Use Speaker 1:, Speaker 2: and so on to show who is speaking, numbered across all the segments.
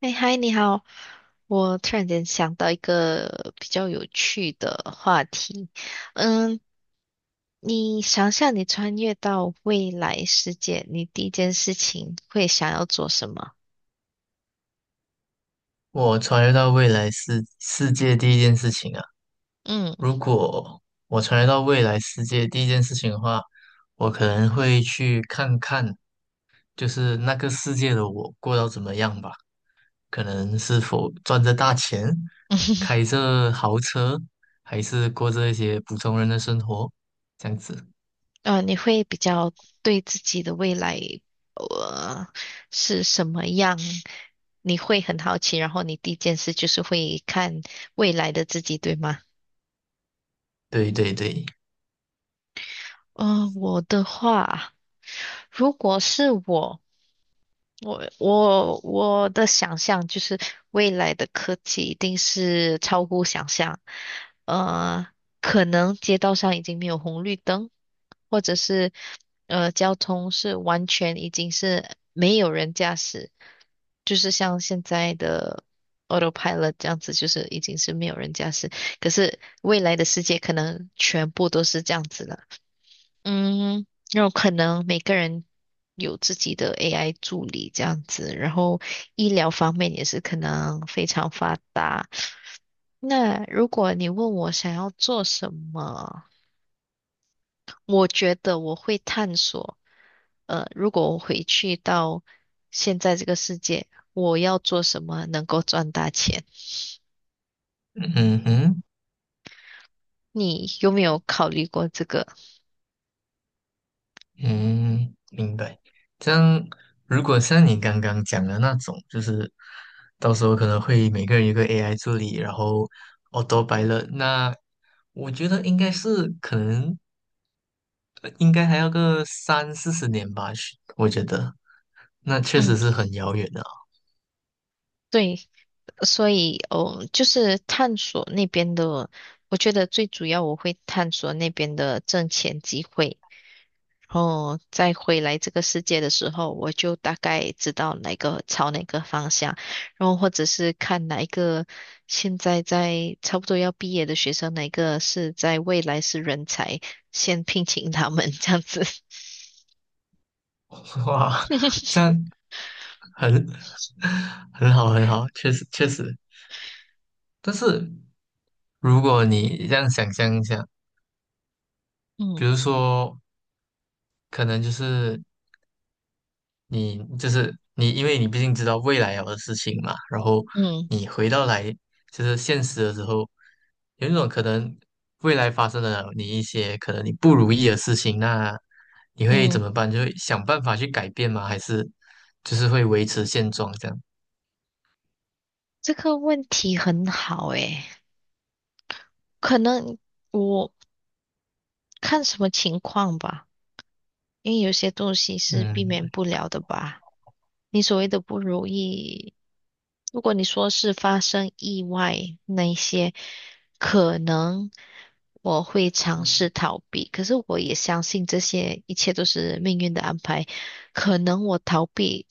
Speaker 1: 哎，嗨，你好！我突然间想到一个比较有趣的话题。嗯，你想象你穿越到未来世界，你第一件事情会想要做什么？
Speaker 2: 我穿越到未来世界第一件事情啊，
Speaker 1: 嗯，
Speaker 2: 如果我穿越到未来世界第一件事情的话，我可能会去看看，就是那个世界的我过到怎么样吧，可能是否赚着大钱，开着豪车，还是过着一些普通人的生活，这样子。
Speaker 1: 你会比较对自己的未来，呃，是什么样？你会很好奇，然后你第一件事就是会看未来的自己，对吗？
Speaker 2: 对对对，
Speaker 1: 嗯，我的话，如果是我。我的想象就是未来的科技一定是超乎想象，呃，可能街道上已经没有红绿灯，或者是交通是完全已经是没有人驾驶，就是像现在的 autopilot 这样子，就是已经是没有人驾驶。可是未来的世界可能全部都是这样子了。嗯，有可能每个人有自己的 AI 助理这样子，然后医疗方面也是可能非常发达。那如果你问我想要做什么，我觉得我会探索，如果我回去到现在这个世界，我要做什么能够赚大钱？
Speaker 2: 嗯哼。
Speaker 1: 你有没有考虑过这个？
Speaker 2: 嗯，明白。这样，如果像你刚刚讲的那种，就是到时候可能会每个人有个 AI 助理，然后 auto pilot，那我觉得应该是可能应该还要个三四十年吧，是我觉得那确
Speaker 1: 嗯，
Speaker 2: 实是很遥远的
Speaker 1: 对，所以，哦，就是探索那边的，我觉得最主要我会探索那边的挣钱机会，然后再回来这个世界的时候，我就大概知道哪个朝哪个方向，然后或者是看哪一个现在在差不多要毕业的学生，哪一个是在未来是人才，先聘请他们这样子。
Speaker 2: 哦 哇，这 样很 很好很好，确实确实。但是如果你这样想象一下，比
Speaker 1: 嗯
Speaker 2: 如说可能就是。你就是你，因为你毕竟知道未来有的事情嘛，然后
Speaker 1: 嗯
Speaker 2: 你回到来就是现实的时候，有一种可能未来发生了你一些可能你不如意的事情，那你会怎
Speaker 1: 嗯，
Speaker 2: 么办？就会想办法去改变吗？还是就是会维持现状这样？
Speaker 1: 这个问题很好诶，可能。我。看什么情况吧，因为有些东西是避免
Speaker 2: 嗯，
Speaker 1: 不了的吧。你所谓的不如意，如果你说是发生意外那一些，可能我会尝试逃避，可是我也相信这些一切都是命运的安排。可能我逃避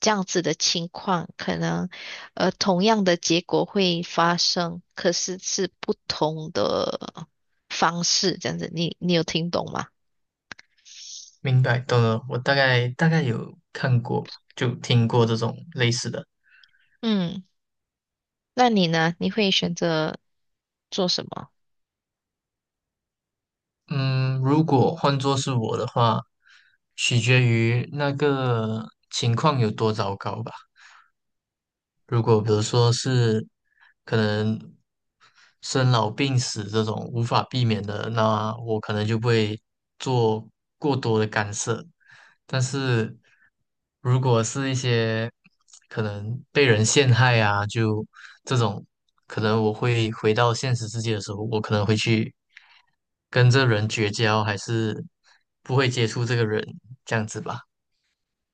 Speaker 1: 这样子的情况，可能同样的结果会发生，可是是不同的方式，这样子，你有听懂吗？
Speaker 2: 明白，懂了。我大概有看过，就听过这种类似的。
Speaker 1: 嗯。那你呢？你会选择做什么？
Speaker 2: 嗯，如果换作是我的话，取决于那个情况有多糟糕吧。如果比如说是可能生老病死这种无法避免的，那我可能就不会做过多的干涉。但是如果是一些可能被人陷害啊，就这种，可能我会回到现实世界的时候，我可能会去跟这人绝交，还是不会接触这个人，这样子吧，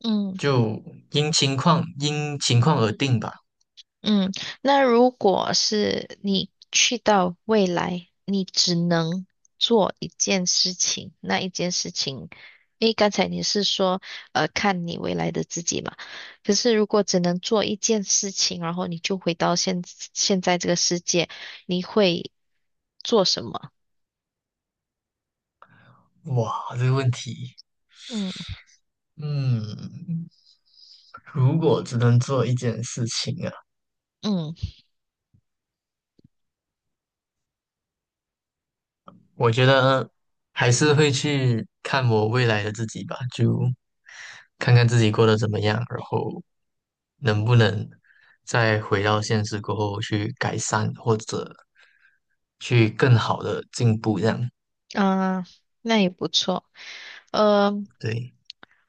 Speaker 1: 嗯
Speaker 2: 就因情况而定吧。
Speaker 1: 嗯，那如果是你去到未来，你只能做一件事情，那一件事情，因为刚才你是说，看你未来的自己嘛。可是如果只能做一件事情，然后你就回到现在这个世界，你会做什么？
Speaker 2: 哇，这个问题，
Speaker 1: 嗯
Speaker 2: 嗯，如果只能做一件事情啊，
Speaker 1: 嗯
Speaker 2: 我觉得还是会去看我未来的自己吧，就看看自己过得怎么样，然后能不能再回到现实过后去改善，或者去更好的进步，这样，
Speaker 1: 啊，那也不错。呃，
Speaker 2: 对，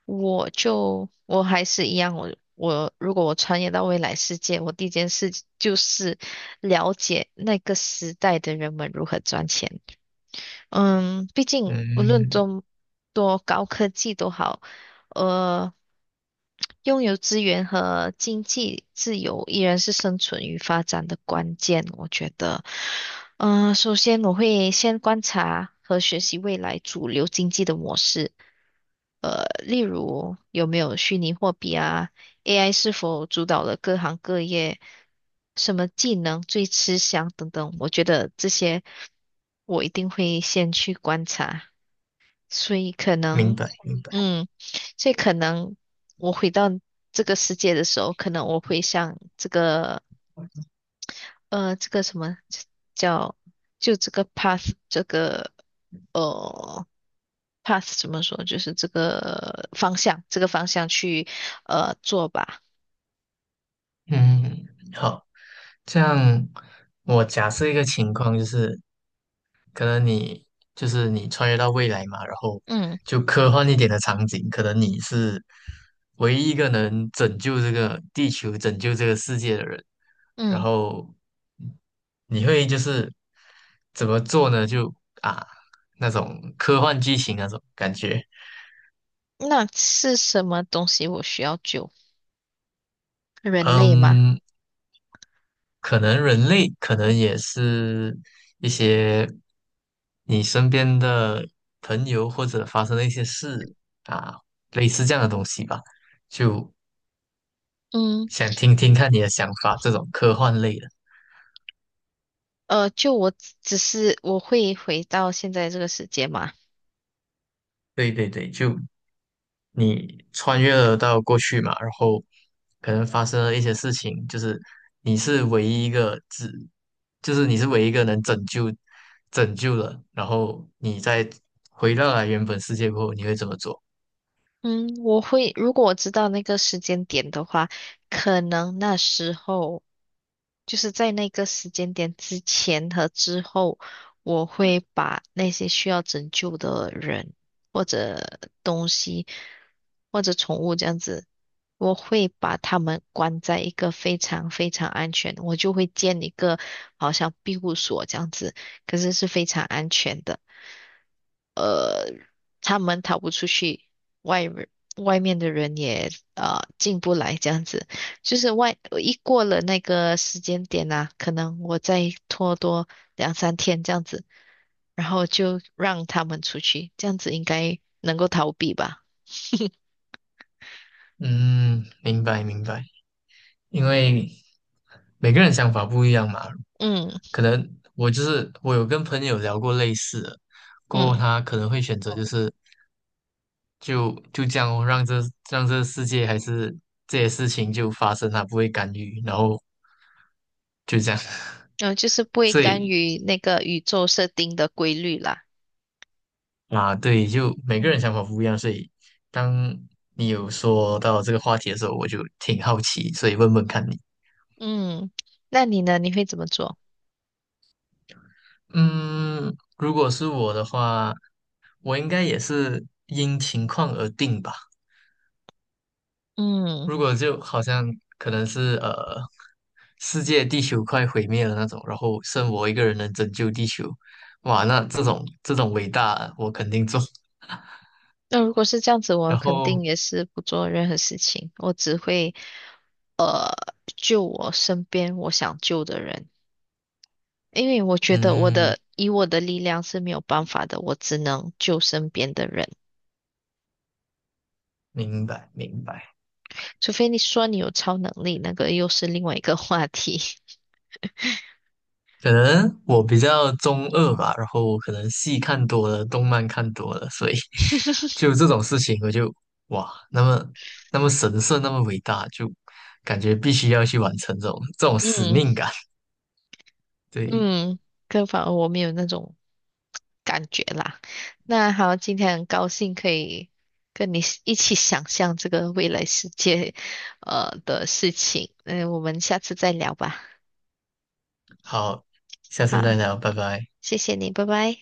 Speaker 1: 我就我还是一样，我如果我穿越到未来世界，我第一件事就是了解那个时代的人们如何赚钱。嗯，毕竟无论
Speaker 2: 嗯，
Speaker 1: 多高科技都好，呃，拥有资源和经济自由依然是生存与发展的关键，我觉得。首先我会先观察和学习未来主流经济的模式，例如有没有虚拟货币啊。AI 是否主导了各行各业，什么技能最吃香等等，我觉得这些我一定会先去观察，所以可
Speaker 2: 明
Speaker 1: 能，
Speaker 2: 白，明白，
Speaker 1: 嗯，所以可能我回到这个世界的时候，可能我会像这个这个什么叫就这个 path 这个呃 path 怎么说，就是这个方向这个方向去做吧，
Speaker 2: 嗯，好，这样我假设一个情况就是。可能你就是你穿越到未来嘛，然后
Speaker 1: 嗯
Speaker 2: 就科幻一点的场景，可能你是唯一一个能拯救这个地球、拯救这个世界的人，然
Speaker 1: 嗯。
Speaker 2: 后你会就是怎么做呢？就啊那种科幻剧情那种感觉，
Speaker 1: 那是什么东西我需要救？人类吗？
Speaker 2: 嗯，可能人类可能也是一些你身边的朋友或者发生的一些事啊，类似这样的东西吧，就
Speaker 1: 嗯，
Speaker 2: 想听听看你的想法，这种科幻类的。
Speaker 1: 就我只是我会回到现在这个时间吗？
Speaker 2: 对对对，就你穿越了到过去嘛，然后可能发生了一些事情，你是唯一一个只，你是唯一一个能拯救了，然后你再回到了原本世界过后，你会怎么做？
Speaker 1: 嗯，我会，如果我知道那个时间点的话，可能那时候。就是在那个时间点之前和之后，我会把那些需要拯救的人或者东西或者宠物这样子，我会把他们关在一个非常非常安全，我就会建一个好像庇护所这样子，可是是非常安全的。他们逃不出去，外人外面的人也进不来，这样子，就是外一过了那个时间点啊，可能我再拖多两三天这样子，然后就让他们出去，这样子应该能够逃避吧？
Speaker 2: 嗯，明白明白，因为每个人想法不一样嘛，
Speaker 1: 嗯
Speaker 2: 可能我就是我有跟朋友聊过类似的，过后
Speaker 1: 嗯，
Speaker 2: 他可能会选择就是就这样哦让这世界还是这些事情就发生，他不会干预，然后就这样，
Speaker 1: 然后就是 不会
Speaker 2: 所
Speaker 1: 干
Speaker 2: 以
Speaker 1: 预那个宇宙设定的规律啦。
Speaker 2: 啊对，就每个
Speaker 1: 嗯
Speaker 2: 人想法不一样，所以当你有说到这个话题的时候，我就挺好奇，所以问问看你。
Speaker 1: 嗯，那你呢？你会怎么做？
Speaker 2: 嗯，如果是我的话，我应该也是因情况而定吧。
Speaker 1: 嗯，
Speaker 2: 如果就好像可能是世界地球快毁灭了那种，然后剩我一个人能拯救地球，哇，那这种这种伟大我肯定做。
Speaker 1: 那如果是这样子，我
Speaker 2: 然
Speaker 1: 肯定
Speaker 2: 后
Speaker 1: 也是不做任何事情，我只会。救我身边我想救的人，因为我觉得我
Speaker 2: 嗯，
Speaker 1: 的以我的力量是没有办法的，我只能救身边的人，
Speaker 2: 明白明白。
Speaker 1: 除非你说你有超能力，那个又是另外一个 话题。
Speaker 2: 可能我比较中二吧，然后我可能戏看多了，动漫看多了，所以 就这种事情，我就哇，那么那么神圣，那么伟大，就感觉必须要去完成这种这种 使
Speaker 1: 嗯
Speaker 2: 命感。对，
Speaker 1: 嗯，可反而我没有那种感觉啦。那好，今天很高兴可以跟你一起想象这个未来世界，的事情。嗯，我们下次再聊吧。
Speaker 2: 好，下次再
Speaker 1: 好，
Speaker 2: 聊，拜拜。
Speaker 1: 谢谢你，拜拜。